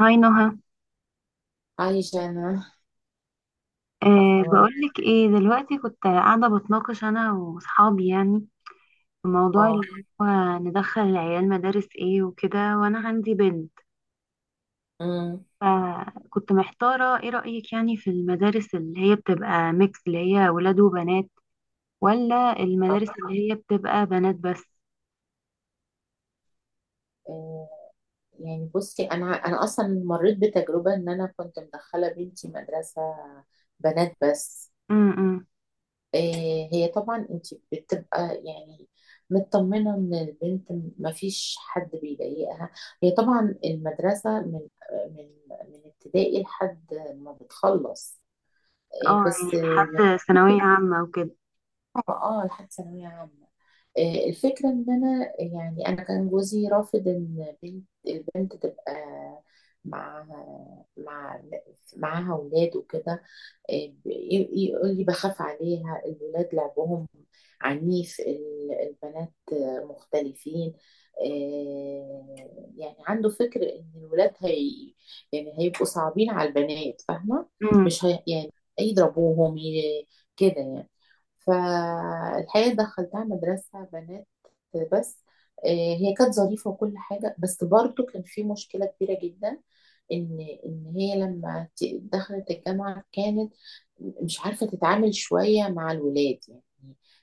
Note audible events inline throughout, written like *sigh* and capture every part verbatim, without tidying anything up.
هاي نهى. عايشة أنا. أه أخبارك؟ بقولك ايه دلوقتي؟ كنت قاعدة بتناقش أنا وصحابي، يعني في موضوع اللي اه. هو ندخل العيال مدارس ايه وكده، وأنا عندي بنت، امم فكنت محتارة ايه رأيك يعني في المدارس اللي هي بتبقى ميكس، اللي هي ولاد وبنات، ولا اه. المدارس اللي هي بتبقى بنات بس؟ آه، يعني بصي، أنا أنا أصلا مريت بتجربة إن أنا كنت مدخلة بنتي مدرسة بنات بس. امم آه، هي طبعا أنت بتبقى يعني مطمنة إن البنت مفيش حد بيضايقها. هي طبعا المدرسة من من من ابتدائي لحد ما بتخلص. آه، اه يعني بس آه، يعني لحد ثانوية عامة وكده. اه آه، لحد ثانوية عامة. آه، الفكرة إن أنا يعني أنا كان جوزي رافض إن بنت البنت تبقى مع مع معاها أولاد وكده. ي- يقول لي بخاف عليها، الولاد لعبهم عنيف، ال- البنات مختلفين. آه، يعني عنده فكر ان الولاد هي يعني هيبقوا صعبين على البنات، فاهمة؟ امم مش هي يعني يضربوهم ي- كده يعني. فالحقيقة دخلتها مدرسة بنات بس. آه، هي كانت ظريفة وكل حاجة، بس برضو كان في مشكلة كبيرة جدا، ان ان هي لما ت- دخلت الجامعه كانت مش عارفة تتعامل شوية مع الولاد يعني.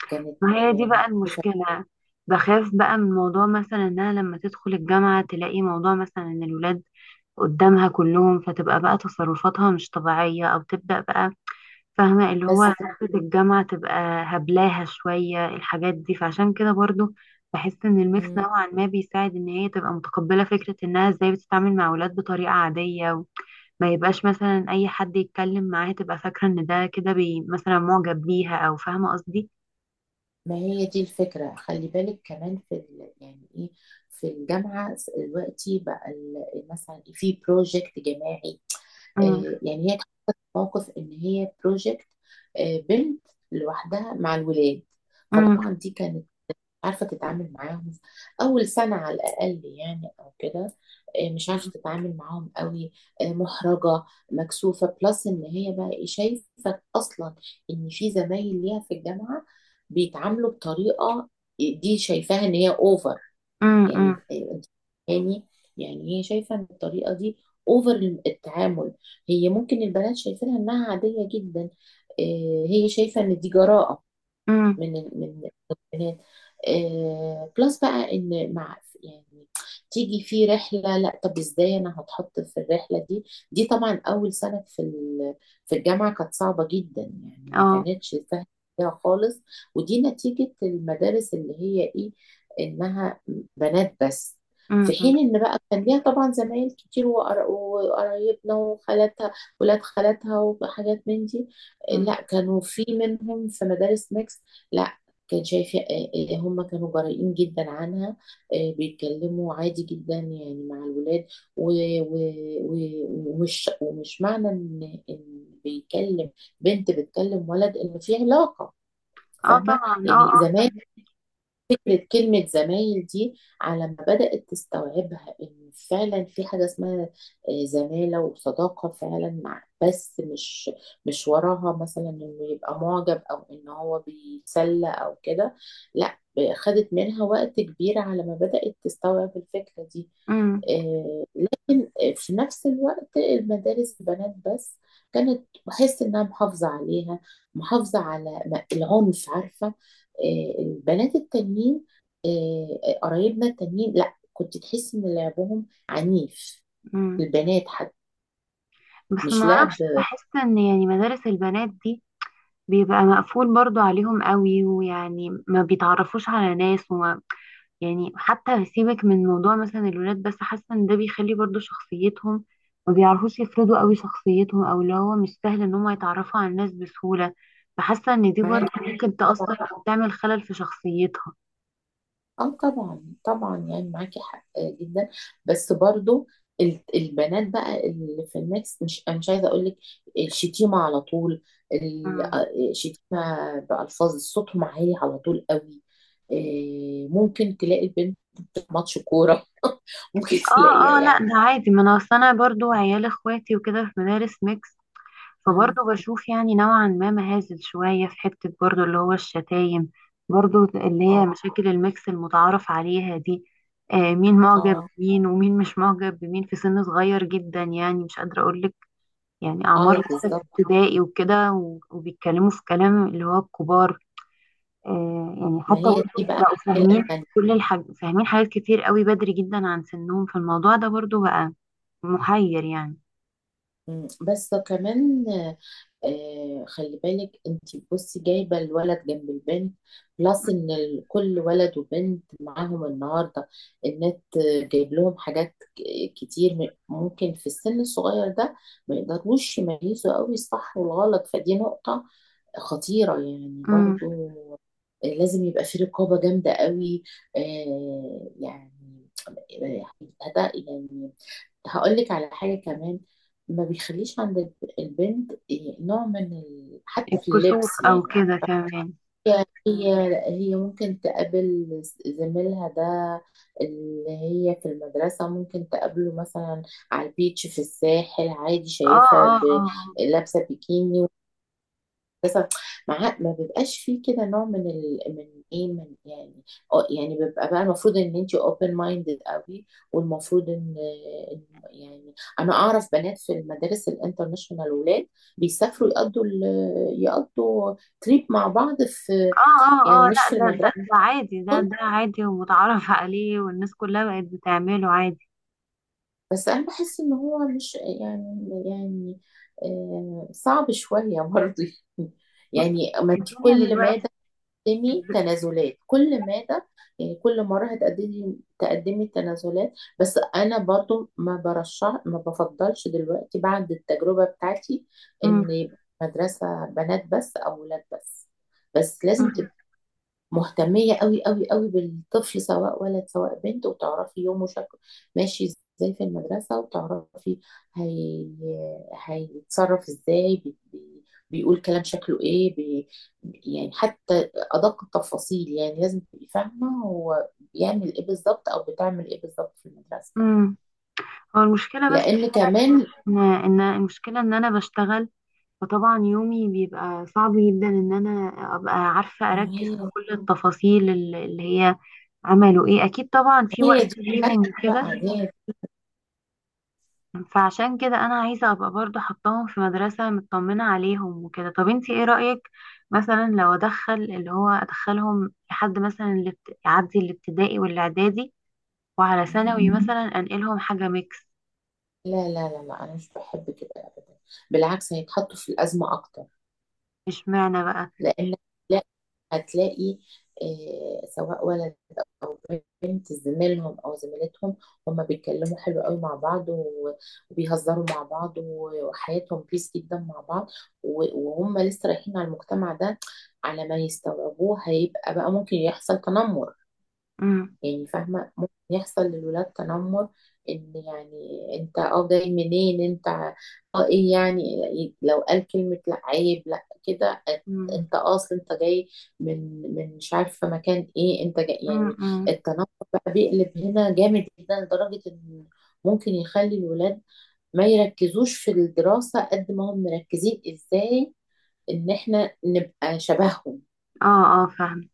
كانت ما هي دي يعني، بقى المشكلة، بخاف بقى من موضوع مثلا انها لما تدخل الجامعة تلاقي موضوع مثلا ان الولاد قدامها كلهم، فتبقى بقى تصرفاتها مش طبيعية أو تبدأ بقى فاهمة اللي بس هو حتة الجامعة تبقى هبلاها شوية الحاجات دي. فعشان كده برضو بحس إن الميكس نوعا ما بيساعد إن هي تبقى متقبلة فكرة إنها إزاي بتتعامل مع أولاد بطريقة عادية، وما يبقاش مثلا أي حد يتكلم معاها تبقى فاكرة إن ده كده بي مثلا معجب بيها، أو فاهمة قصدي؟ ما هي دي الفكرة. خلي بالك كمان في ال... يعني ايه، في الجامعة دلوقتي بقى ال- مثلا في بروجكت جماعي. أمم، آه، يعني هي كانت موقف ان هي بروجكت، بنت لوحدها مع الولاد. أمم، فطبعا دي كانت عارفة تتعامل معاهم أول سنة على الأقل يعني أو كده. إيه، مش عارفة تتعامل معاهم قوي. إيه، محرجة، مكسوفة بلس. إن هي بقى إيه، شايفة أصلا إن في زمايل ليها في الجامعة بيتعاملوا بطريقة دي شايفاها إن هي أوفر. أمم، أمم، يعني إيه، أنت يعني، يعني هي شايفة إن الطريقة دي أوفر التعامل. هي ممكن البنات شايفينها إنها عادية جدا، إيه، هي شايفة إن دي جراءة أمم، من ال- من البنات آه بلس بقى ان مع يعني تيجي في رحله، لا طب ازاي انا هتحط في الرحله دي. دي طبعا اول سنه في ال- في الجامعه كانت صعبه جدا يعني، ما أه. كانتش سهله فيها خالص. ودي نتيجه المدارس اللي هي ايه، انها بنات بس. في أمم، حين ان بقى كان ليها طبعا زمايل كتير، وقر- وقرايبنا وخالاتها، ولاد خالاتها وحاجات من دي. أمم. لا، كانوا في منهم في مدارس ميكس. لا، كان شايفة آه، آه، هم كانوا جريئين جدا عنها. آه، بيتكلموا عادي جدا يعني مع الولاد، و- و- و- ومش ومش معنى ان إن بيكلم بنت بتكلم ولد ان في علاقة. أه فاهمة طبعا، أه أه يعني؟ زمان فاهمة. فكرة كلمة زمايل دي على ما بدأت تستوعبها إن فعلا في حاجة اسمها آه، زمالة وصداقة فعلا، مع بس مش مش وراها مثلا إنه يبقى معجب أو إن هو بيتسلى أو كده. لا، خدت منها وقت كبير على ما بدأت تستوعب الفكرة دي. أمم، آه، في نفس الوقت المدارس بنات بس كانت بحس انها محافظة عليها، محافظة على م- العنف، عارفة؟ آه، البنات التانيين آه، آه، قرايبنا التانيين، لا كنت تحس ان لعبهم عنيف، أمم. البنات حتى بس مش ما لعب. اعرفش، بحس ان يعني مدارس البنات دي بيبقى مقفول برضو عليهم قوي، ويعني ما بيتعرفوش على ناس، وما يعني حتى سيبك من موضوع مثلا الولاد، بس حاسه ان ده بيخلي برضو شخصيتهم ما بيعرفوش يفرضوا قوي شخصيتهم، او اللي هو مش سهل ان هم يتعرفوا على الناس بسهوله. فحاسه ان دي برضو معاك ممكن تأثر او تعمل خلل في شخصيتها. اه، طبعا طبعا يعني معاكي حق جدا. بس برضو ال- البنات بقى اللي في الميكس، مش أنا مش عايزه اقول لك الشتيمه على طول، ال- مم. آه، الشتيمه بالفاظ، صوتهم عالي على طول قوي. آه، ممكن تلاقي البنت في ماتش كوره *laughs* ممكن اه تلاقيها اه لا، ده يعني. عادي، ما انا اصل انا برضو عيال اخواتي وكده في مدارس ميكس، مم، فبرضه بشوف يعني نوعا ما مهازل شوية في حتة برضه اللي هو الشتايم، برضه اللي هي اه مشاكل الميكس المتعارف عليها دي. آه مين معجب اه بمين ومين مش معجب بمين في سن صغير جدا، يعني مش قادرة أقولك، يعني أعمار اه، لسه في بالظبط. ابتدائي وكده و- وبيتكلموا في كلام اللي هو الكبار. آه يعني ما حتى هي دي برضه بقى بقوا المشكله فاهمين، الثانيه. كل الحاج فاهمين حاجات كتير قوي بدري جدا عن سنهم، فالموضوع ده برضه بقى محير يعني. بس كمان آه، خلي بالك انت، بصي، جايبه الولد جنب البنت بلس ان ال- كل ولد وبنت معاهم النهارده النت، جايب لهم حاجات ك- كتير، م- ممكن في السن الصغير ده ما يقدروش يميزوا قوي الصح والغلط. فدي نقطه خطيرة يعني امم برضو. آه، لازم يبقى في رقابة جامدة قوي. آه، يعني آه، هت- يعني هقول لك على حاجة كمان، ما بيخليش عند الب- البنت نوع من ال... حتى في الكسوف اللبس أو يعني. كده كمان. هي هي هي ممكن تقابل زميلها ده اللي هي في المدرسة ممكن تقابله مثلا على البيتش في الساحل عادي، اه شايفها اه ب- اه، لابسة بيكيني بس. مع ما بيبقاش فيه كده نوع من ال... من ايه، من يعني اه يعني بيبقى بقى، المفروض ان انت open minded قوي، والمفروض ان إن يعني انا اعرف بنات في المدارس الانترناشونال، ولاد بيسافروا يقضوا ال... يقضوا تريب مع بعض، في اه اه يعني اه، لا مش في ده ده المدرسة ده عادي، ده ده عادي ومتعارف عليه، والناس كلها بقت بتعمله عادي. بس. انا بحس ان هو مش يعني، يعني آه، صعب شوية برضه. *laughs* بص، يعني ما انت الدنيا كل دلوقتي. مادة تقدمي تنازلات، كل مادة يعني، كل مرة هتقدمي تقدمي تنازلات. بس أنا برضو ما برشح ما بفضلش دلوقتي بعد التجربة بتاعتي مم، إن يبقى مدرسة بنات بس أو ولاد بس. بس لازم مم، مهتمية قوي قوي قوي بالطفل، سواء ولد سواء بنت، وتعرفي يومه شكله ماشي ازاي في المدرسة، وتعرفي هي... هيتصرف ازاي بي... بي... بيقول كلام شكله ايه بي... يعني حتى أدق التفاصيل، يعني لازم تبقي فاهمة هو بيعمل ايه بالظبط أو بتعمل ايه بالظبط في المدرسة. مم. هو المشكلة بس لأن كمان ان إن المشكلة ان انا بشتغل، فطبعا يومي بيبقى صعب جدا ان انا ابقى عارفة اركز في هي كل التفاصيل اللي اللي هي عملوا ايه، اكيد طبعا في هي وقت دي ليهم وكده. بقى هي. فعشان كده انا عايزه ابقى برضو حطاهم في مدرسه مطمنه عليهم وكده. طب انتي ايه رايك مثلا لو ادخل اللي هو ادخلهم لحد مثلا اللي بت- يعدي الابتدائي والاعدادي وعلى ثانوي، مم، مثلا انقلهم حاجه ميكس؟ لا لا لا لا، أنا مش بحب كده أبدا، بالعكس هيتحطوا في الأزمة أكتر. اشمعنى بقى؟ لان، لا، هتلاقي آه، سواء ولد او بنت، زميلهم او زميلتهم، هما بيتكلموا حلو قوي مع بعض، و- وبيهزروا مع بعض، و- وحياتهم بيس جدا مع بعض، و- وهم لسه رايحين على المجتمع ده، على ما يستوعبوه هيبقى بقى ممكن يحصل تنمر. امم يعني فاهمة؟ ممكن يحصل للولاد تنمر، ان يعني، انت اه جاي منين انت، اه ايه يعني، لو قال كلمة لا عيب لا كده. امم انت آه، اصل انت جاي من من مش عارفة مكان ايه انت جاي يعني. امم التنمر بقى بيقلب هنا جامد جدا لدرجة ان ممكن يخلي الولاد ما يركزوش في الدراسة قد ما هم مركزين ازاي ان احنا نبقى شبههم. اه اه فاهم.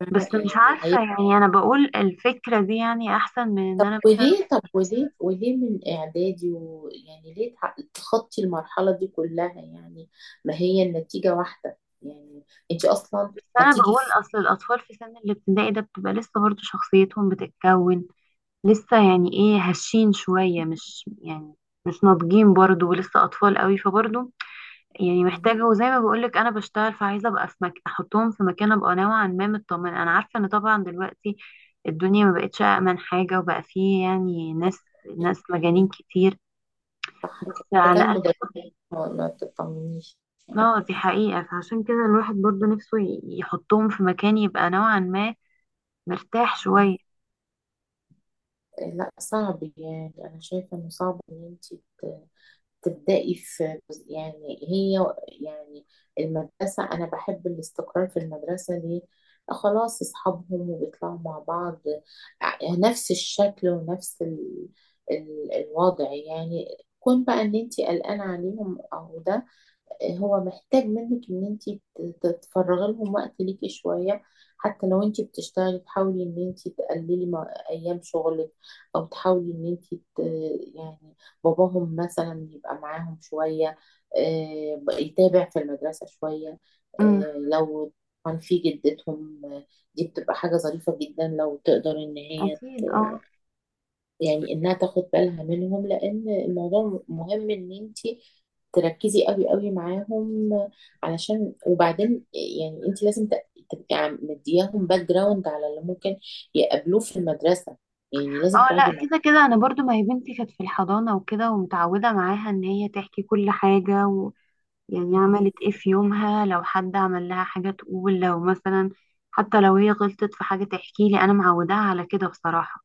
فاهمة بس مش يعني؟ عارفه، يعني انا بقول الفكره دي يعني احسن من ان طب انا مثلا، وليه، طب وليه وليه من اعدادي؟ ويعني ليه تع- تخطي المرحله دي كلها يعني؟ ما هي النتيجه واحده يعني، انت اصلا بس انا هتيجي بقول في اصل الاطفال في سن الابتدائي ده بتبقى لسه برضو شخصيتهم بتتكون، لسه يعني ايه، هشين شوية، مش يعني مش ناضجين برضو ولسه أطفال قوي. فبرضو يعني *laughs* مم. محتاجة، وزي ما بقولك أنا بشتغل، فعايزة أبقى في مك... أحطهم في مكان أبقى نوعا ما مطمنة. أنا عارفة إن طبعا دلوقتي الدنيا ما بقتش أأمن حاجة، وبقى فيه يعني ناس ناس مجانين كتير، صح بس كده، ده على كان الأقل مدرس. ما ما تطمنيش. اه دي حقيقة، فعشان كده الواحد برضو نفسه ي- يحطهم في مكان يبقى نوعا ما مرتاح شوية. مم. لا، صعب يعني. انا شايفه انه صعب ان انت تبدأي في جزء- يعني هي يعني المدرسة. أنا بحب الاستقرار في المدرسة، ليه؟ خلاص أصحابهم وبيطلعوا مع بعض، ع- نفس الشكل ونفس ال... ال... الوضع يعني. كون بقى إن أنتي قلقانة عليهم أو ده، هو محتاج منك ان انت تتفرغي لهم، وقت ليكي شويه. حتى لو انت بتشتغلي تحاولي ان انت تقللي مع- ايام شغلك، او تحاولي ان انت ت- يعني باباهم مثلا يبقى معاهم شويه، آه، ب- يتابع في المدرسه شويه. امم آه، لو كان في جدتهم آه، دي بتبقى حاجه ظريفه جدا لو تقدر ان هي أكيد اه. يعني انها تاخد بالها منهم. لان الموضوع مهم، ان انت تركزي قوي قوي معاهم. علشان وبعدين يعني انت لازم ت- تبقي عم- مدياهم باك جراوند على اللي ممكن يقابلوه في المدرسة، يعني لازم اه تقعدي لا، كده كده انا برضو، ما هي بنتي كانت في الحضانة وكده ومتعودة معاها ان هي تحكي كل حاجة و... يعني معاهم. عملت ايه في يومها، لو حد عمل لها حاجة تقول، لو مثلا حتى لو هي غلطت في حاجة تحكي لي، انا معوداها على كده بصراحة.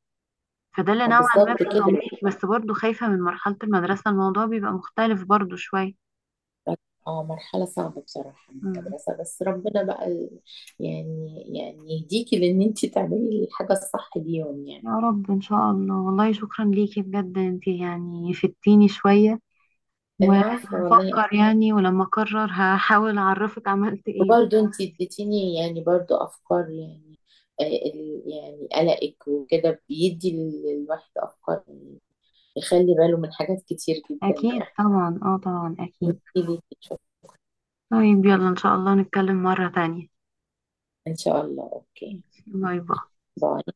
فده اللي آه، نوعا ما بالظبط في كده. تمريك، بس برضو خايفة من مرحلة المدرسة، الموضوع بيبقى مختلف برضو شوية. اه، مرحلة صعبة بصراحة من مم. المدرسة، بس ربنا بقى ال- يعني يعني يهديكي لان انت تعملي الحاجة الصح ليهم يعني. يا رب ان شاء الله. والله شكرا ليكي بجد، انتي يعني فدتيني شوية، العفو والله. وهفكر يعني، ولما اقرر هحاول اعرفك عملت ايه. برضه انت اديتيني يعني برضه افكار يعني. آه، ال- يعني قلقك وكده بيدي للواحد افكار يعني، يخلي باله من حاجات كتير جدا أكيد يعني. احكي طبعا، اه طبعا أكيد. لي شوف. طيب يلا إن شاء الله نتكلم مرة تانية. ان شاء الله. اوكي، باي باي. باي.